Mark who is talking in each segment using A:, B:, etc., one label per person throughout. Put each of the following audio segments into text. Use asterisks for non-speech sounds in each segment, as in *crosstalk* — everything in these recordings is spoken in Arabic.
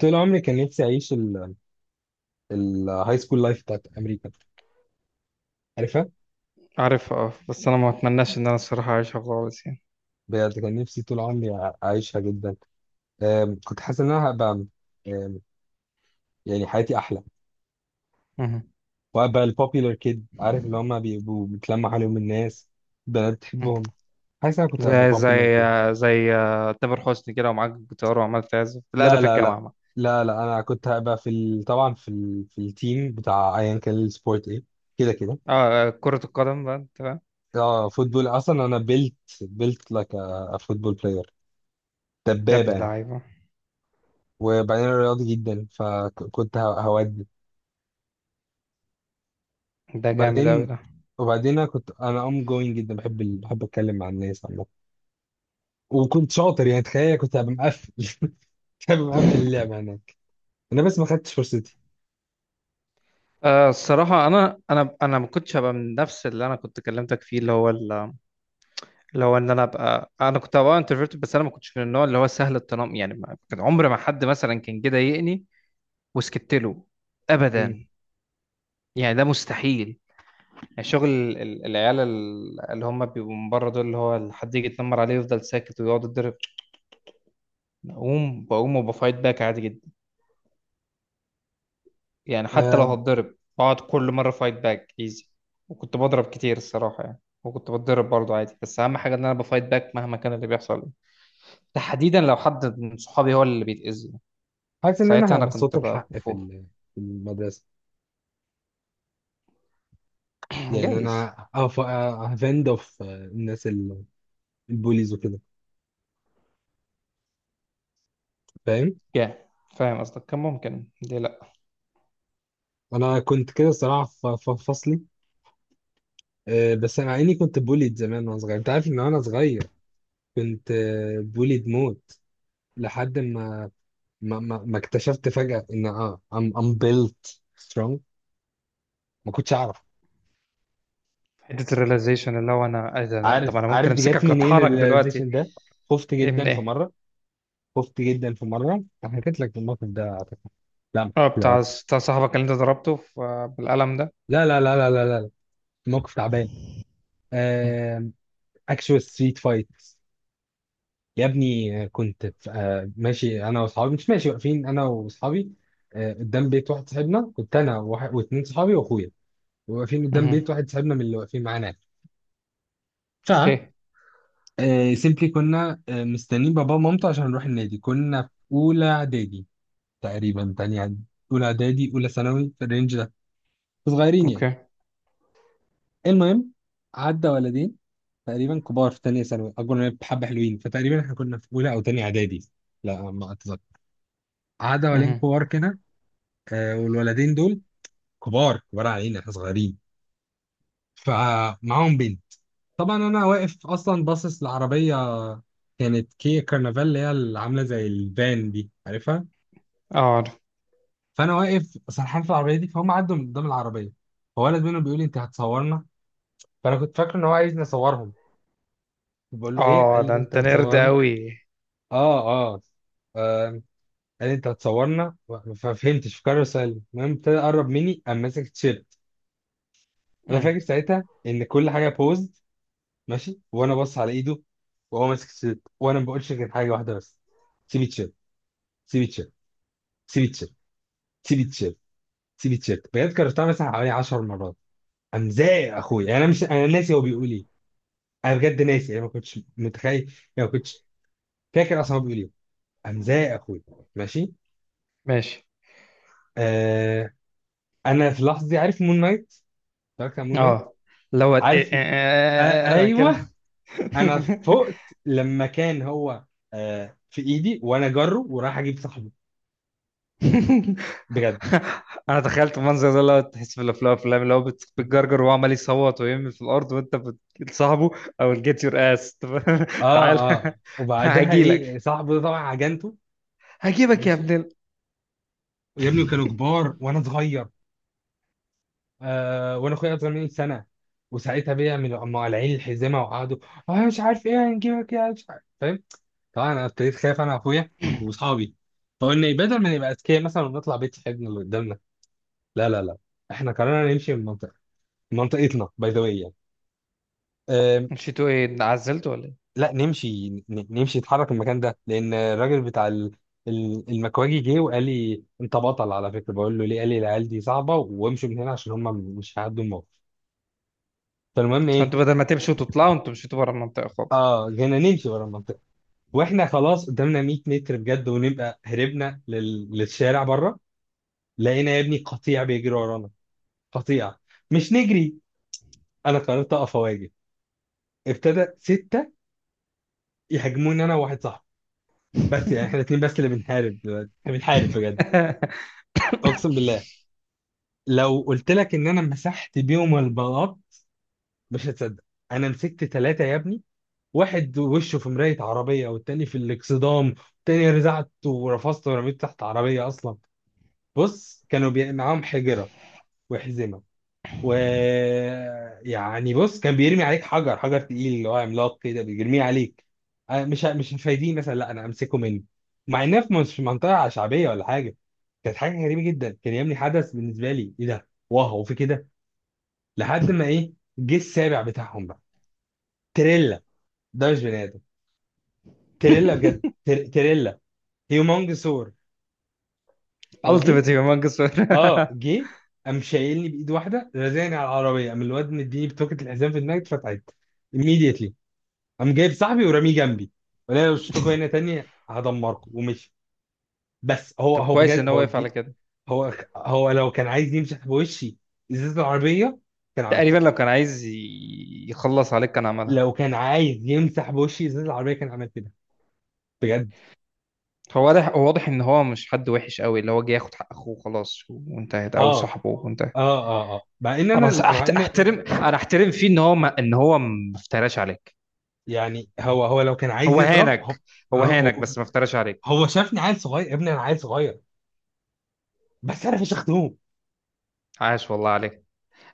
A: طول عمري كان نفسي اعيش الهاي سكول لايف بتاعت امريكا. عارفها؟
B: عارفها اه، بس انا ما اتمناش ان انا الصراحه اعيشها خالص يعني
A: بجد كان نفسي طول عمري اعيشها جدا. كنت حاسس ان انا هبقى، أم، يعني حياتي احلى،
B: مهم.
A: وهبقى البوبيلر كيد. عارف اللي هم بيبقوا بيتلمع عليهم الناس، بنات
B: مهم.
A: بتحبهم. حاسس إن انا كنت هبقى
B: زي
A: بوبيلر
B: زي
A: كيد.
B: زي تامر حسني كده ومعاك جيتار وعمال تعزف، لا ده
A: لا
B: في
A: لا لا.
B: الجامعه بقى.
A: لا انا كنت هبقى في طبعا في في التيم بتاع ايا كان السبورت ايه، كده كده.
B: اه كره القدم بقى، انت فاهم؟
A: اه فوتبول. اصلا انا بيلت لايك ا فوتبول بلاير،
B: يا
A: دبابه
B: ابن
A: يعني.
B: اللعيبه،
A: وبعدين أنا رياضي جدا فكنت هودي.
B: ده جامد قوي
A: وبعدين
B: ده.
A: وبعدين انا كنت ام جوينج جدا، بحب بحب اتكلم مع الناس عامه. وكنت شاطر يعني، تخيل كنت هبقى مقفل. *laughs* كنت هبقى مقفل اللعبه
B: *laughs*
A: هناك. انا بس ما خدتش فرصتي.
B: آه الصراحه انا ما كنتش هبقى من نفس اللي انا كنت كلمتك فيه اللي هو اللي هو ان انا ابقى، انا كنت هبقى انترفيرت، بس انا ما كنتش من النوع اللي هو سهل التنمر، يعني كان عمر ما حد مثلا كان جه ضايقني وسكت له،
A: مم.
B: ابدا. يعني ده مستحيل. يعني شغل العيال اللي هم بيبقوا من بره دول، اللي هو حد يجي يتنمر عليه يفضل ساكت ويقعد يتضرب؟ بقوم وبفايت باك عادي جدا. يعني حتى لو
A: آم،
B: هتضرب بقعد كل مرة فايت باك ايزي. وكنت بضرب كتير الصراحة يعني، وكنت بتضرب برضه عادي، بس أهم حاجة إن أنا بفايت باك مهما كان اللي بيحصل، تحديدا لو حد من صحابي هو اللي بيتأذي.
A: حاسس ان
B: ساعتها
A: انا
B: أنا
A: هبقى
B: كنت
A: صوت الحق في
B: بفور.
A: في المدرسه.
B: *clears throat*
A: يعني
B: جايز.
A: انا هفند اوف الناس البوليز وكده، فاهم؟
B: جاي. فاهم قصدك، كان ممكن، ليه لأ.
A: انا كنت كده الصراحه في فصلي. بس مع اني كنت بوليد زمان وانا صغير، انت عارف ان انا صغير كنت بوليد موت، لحد ما ما اكتشفت فجأة ان I'm, I'm built strong. ما كنتش اعرف.
B: حتة الريلايزيشن اللي هو أنا إيه ده،
A: عارف
B: طب أنا ممكن
A: عارف دي جت
B: أمسكك
A: منين
B: أطحنك دلوقتي.
A: الريلايزيشن ده؟ خفت
B: إيه من
A: جدا في
B: إيه؟
A: مرة. خفت جدا في مرة، أنا حكيت لك الموقف ده اعتقد. لا ما
B: اه بتاع
A: حكيتلكش.
B: بتاع صاحبك اللي انت ضربته بالقلم ده؟
A: لا لا لا لا لا لا لا. موقف تعبان،
B: مم.
A: اكشوال ستريت فايت. يا ابني كنت ماشي انا واصحابي. مش ماشي، واقفين انا واصحابي قدام بيت واحد صاحبنا. كنت انا واتنين صحابي واخويا واقفين قدام
B: مم.
A: بيت واحد صاحبنا من اللي واقفين معانا. ف
B: اوكي.
A: سيمبلي كنا مستنيين بابا ومامته عشان نروح النادي. كنا في اولى اعدادي، تقريبا تانية إعدادي، اولى اعدادي اولى ثانوي في الرينج ده، صغيرين يعني.
B: اوكي.
A: المهم، عدى ولدين تقريبا كبار في تانية ثانوي، اكبر مننا بحبة حلوين، فتقريبا احنا كنا في اولى او تانية اعدادي، لا ما اتذكر. عدى ولدين
B: مم.
A: كبار كده، والولدين دول كبار كبار علينا، احنا صغيرين. فمعاهم بنت. طبعا انا واقف اصلا باصص لعربيه، كانت كيا كارنفال اللي هي اللي عامله زي الفان دي، عارفها.
B: اه عارف.
A: فانا واقف سرحان في العربيه دي، فهم عدوا من قدام العربيه، فولد منهم بيقول لي انت هتصورنا. فانا كنت فاكر ان هو عايزني اصورهم، بقول له ايه؟
B: اه
A: قال
B: ده
A: لي انت
B: انت نرد
A: هتصورنا.
B: قوي.
A: اه. اه. آه، قال لي انت هتصورنا. ففهمتش في قرر سؤال. المهم ابتدى يقرب مني قام ماسك التيشيرت. انا
B: مم.
A: فاكر ساعتها ان كل حاجه بوزد، ماشي وانا بص على ايده وهو ماسك التيشيرت، وانا ما بقولش غير حاجه واحده بس، سيب التيشيرت. سيفيتشيل، سيفيتشيل، سيفيتشيل، سيفيتشيل، بجد كررتها مثلا حوالي 10 مرات. امزاق اخويا يعني. انا مش انا ناسي هو بيقول ايه، انا بجد ناسي، انا ما كنتش متخيل يعني. ما كنتش فاكر اصلا هو بيقول ايه. امزاق اخويا. ماشي.
B: ماشي.
A: آه. انا في اللحظه دي عارف مون نايت، اتفرجت على مون نايت،
B: اه لو
A: عارف. آه.
B: كده.
A: ايوه. انا فقت لما كان هو في ايدي وانا جره ورايح اجيب صاحبي،
B: *laughs*
A: بجد.
B: انا تخيلت المنظر ده، لو تحس في الافلام، الافلام اللي هو بتجرجر وهو عمال يصوت ويرمي في الارض، وانت بتصاحبه، او جيت يور اس. *laughs*
A: اه
B: تعال
A: اه. وبعدها ايه؟
B: هجيلك،
A: صاحبه ده طبعا عجنته.
B: هجيبك يا
A: ماشي.
B: ابن ال-.
A: ويا ابني كانوا
B: *laughs*
A: كبار وانا صغير، وانا اخويا اصغر مني سنه. وساعتها بيعملوا هم قالعين الحزمه وقعدوا اه، مش عارف ايه، هنجيبك يا مش عارف، فاهم. طبعا انا ابتديت خايف انا واخويا واصحابي. فقلنا إيه، بدل ما نبقى اذكياء مثلا ونطلع بيت صاحبنا اللي قدامنا، لا لا لا، احنا قررنا نمشي من منطقه، من منطقتنا، باي ذا واي يعني. آم،
B: مشيتوا ايه، عزلتوا ولا ايه؟
A: لا نمشي نمشي نتحرك من المكان ده، لان الراجل بتاع المكواجي جه وقال لي انت بطل على فكره، بقول له ليه؟ قال لي العيال دي صعبه، وامشوا من هنا عشان هم مش هيعدوا الموقف. فالمهم ايه،
B: فانتوا بدل ما تمشوا وتطلعوا انتوا مشيتوا بره المنطقه خالص؟
A: اه جينا نمشي ورا المنطقه، واحنا خلاص قدامنا 100 متر بجد ونبقى هربنا للشارع بره، لقينا يا ابني قطيع بيجري ورانا. قطيع. مش نجري، انا قررت اقف اواجه. ابتدى سته يهاجموني انا وواحد صاحبي، بس يعني احنا الاثنين بس اللي بنحارب دلوقتي، احنا بنحارب بجد.
B: *laughs*
A: اقسم بالله، لو قلت لك ان انا مسحت بيهم البلاط مش هتصدق. انا مسكت ثلاثه يا ابني، واحد وشه في مراية عربية، والتاني في الاكسدام، والتاني رزعت ورفضت ورميت تحت عربية أصلا. بص كانوا معاهم حجرة وحزمة و، يعني بص كان بيرمي عليك حجر، حجر تقيل اللي هو عملاق كده بيرميه عليك. أنا مش مش هفايديه مثلا، لا أنا أمسكه منه. مع إنها في، مش في منطقة شعبية ولا حاجة. كانت حاجة غريبة جدا. كان يا ابني حدث بالنسبة لي، إيه ده، واو في كده. لحد ما إيه، جه السابع بتاعهم بقى. تريلا. ده مش بني آدم. تريلا بجد، تريلا. هيومونج سور. هو
B: Ultimate
A: جه.
B: humongous
A: اه
B: winner.
A: جه، قام شايلني بايد واحده رزاني على العربيه، قام الواد مديني بتوكة الحزام في دماغي اتفتحت immediately. قام جايب صاحبي ورميه جنبي. قال لي لو شفتكوا هنا تاني هدمركم، ومشي. بس
B: *laughs*
A: هو،
B: طب
A: هو
B: كويس
A: بجد
B: ان هو
A: هو
B: وقف
A: جه.
B: على كده.
A: هو لو كان عايز يمسح بوشي ازازه العربيه كان عمل كده.
B: تقريبا لو كان عايز يخلص عليك كان عملها.
A: لو كان عايز يمسح بوشي ازازه العربيه كان عمل كده، بجد.
B: هو واضح، هو واضح ان هو مش حد وحش قوي، اللي هو جه ياخد حق اخوه خلاص وانتهت، او
A: اه اه
B: صاحبه وانتهت.
A: اه. اه مع ان
B: انا
A: انا، مع ان،
B: احترم، انا احترم فيه ان هو ما افتراش عليك.
A: يعني هو لو كان عايز
B: هو
A: يضرب هو.
B: هانك.
A: اه
B: هو هانك
A: هو،
B: بس ما افتراش عليك.
A: هو شافني عيل صغير يا ابني، انا عيل صغير، بس انا فشختهم.
B: عاش والله عليك.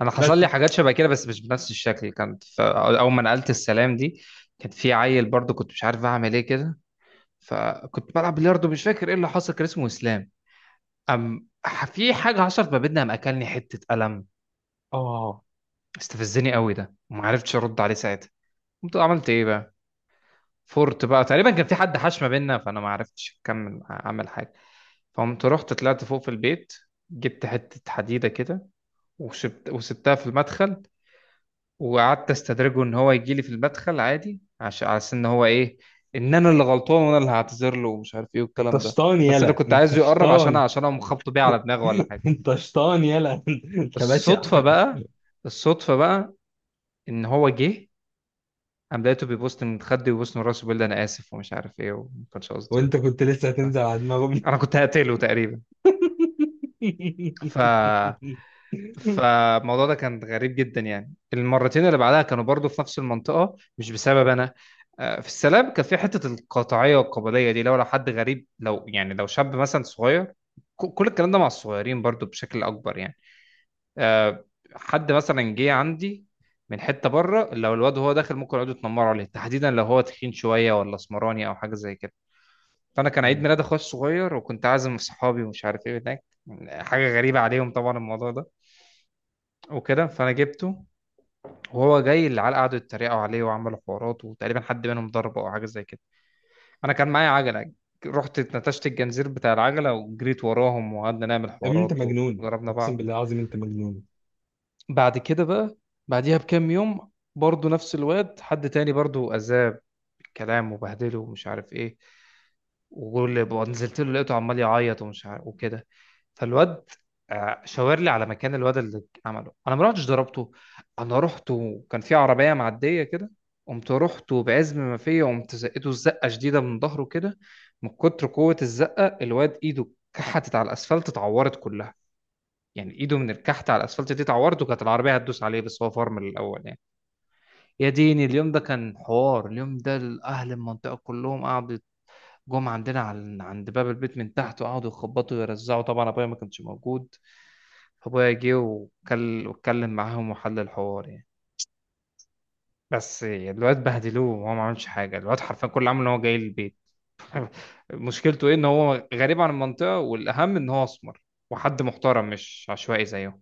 B: انا حصل
A: بس
B: لي حاجات شبه كده بس مش بنفس الشكل، كانت اول ما نقلت السلام دي كان في عيل برضو، كنت مش عارف اعمل ايه كده. فكنت بلعب بلياردو، مش فاكر ايه اللي حصل، كان اسمه اسلام. في حاجه حصلت ما بيننا، قام اكلني حته قلم.
A: اه.
B: استفزني قوي ده وما عرفتش ارد عليه ساعتها. قمت عملت ايه بقى؟ فورت بقى. تقريبا كان في حد حاش ما بيننا، فانا ما عرفتش اكمل اعمل حاجه. فقمت رحت طلعت فوق في البيت، جبت حته حديده كده وسبتها في المدخل، وقعدت استدرجه ان هو يجي لي في المدخل عادي، عشان على أساس ان هو ايه، ان انا اللي غلطان وانا اللي هعتذر له ومش عارف ايه
A: انت
B: والكلام ده،
A: شطان
B: بس انا
A: يلا،
B: كنت
A: انت
B: عايزه يقرب عشان
A: شطان.
B: عشان اقوم خبطه بيه على دماغه ولا حاجه.
A: *laughs* انت شطان يلا. *laughs* انت بشع.
B: الصدفه بقى، الصدفه بقى، ان هو جه، قام لقيته بيبوست من خدي وبيبوست من راسه بيقول لي انا اسف ومش عارف ايه وما كانش قصدي.
A: وانت كنت لسه هتنزل على دماغهم.
B: انا
A: *laughs*
B: كنت هقتله تقريبا. ف فالموضوع ده كان غريب جدا. يعني المرتين اللي بعدها كانوا برضو في نفس المنطقة مش بسبب أنا. في السلام كان في حتة القطاعية والقبلية دي، لو حد غريب، لو يعني لو شاب مثلا صغير، كل الكلام ده مع الصغيرين برضو بشكل أكبر يعني. آه، حد مثلا جه عندي من حتة بره، لو الواد هو داخل ممكن يقعدوا يتنمروا عليه، تحديدا لو هو تخين شوية ولا اسمراني أو حاجة زي كده. فأنا كان عيد ميلاد أخويا الصغير وكنت عازم صحابي ومش عارف إيه، هناك حاجة غريبة عليهم طبعا الموضوع ده وكده، فأنا جبته. وهو جاي العيال قعدوا يتريقوا عليه وعملوا حوارات وتقريبا حد منهم ضربه او حاجه زي كده. انا كان معايا عجله، رحت اتنتشت الجنزير بتاع العجله وجريت وراهم وقعدنا نعمل
A: يا ابني انت
B: حوارات.
A: مجنون،
B: وضربنا
A: اقسم
B: بعض.
A: بالله العظيم انت مجنون.
B: بعد كده بقى، بعديها بكام يوم برضه نفس الواد حد تاني برضه أذاه بالكلام وبهدله ومش عارف إيه. وجول نزلت له لقيته عمال يعيط ومش عارف وكده. فالواد شاور لي على مكان الواد اللي عمله. انا ما رحتش ضربته، انا رحت وكان في عربيه معديه كده، قمت رحت وبعزم ما فيا قمت زقته الزقه شديده من ظهره كده. من كتر قوه الزقه الواد ايده كحتت على الاسفلت، اتعورت كلها، يعني ايده من الكحت على الاسفلت دي تعورته، كانت العربيه هتدوس عليه بس هو فرمل الاول يعني. يا ديني اليوم ده كان حوار، اليوم ده اهل المنطقه كلهم قعدوا جم عندنا على عند باب البيت من تحت وقعدوا يخبطوا ويرزعوا، طبعا ابويا ما كانش موجود. فابويا جه واتكلم معاهم وحل الحوار يعني. بس الواد بهدلوه وهو ما عملش حاجه، الواد حرفيا كل اللي عمله ان هو جاي البيت. *laughs* مشكلته ايه؟ ان هو غريب عن المنطقه والاهم ان هو اسمر، وحد محترم مش عشوائي زيهم.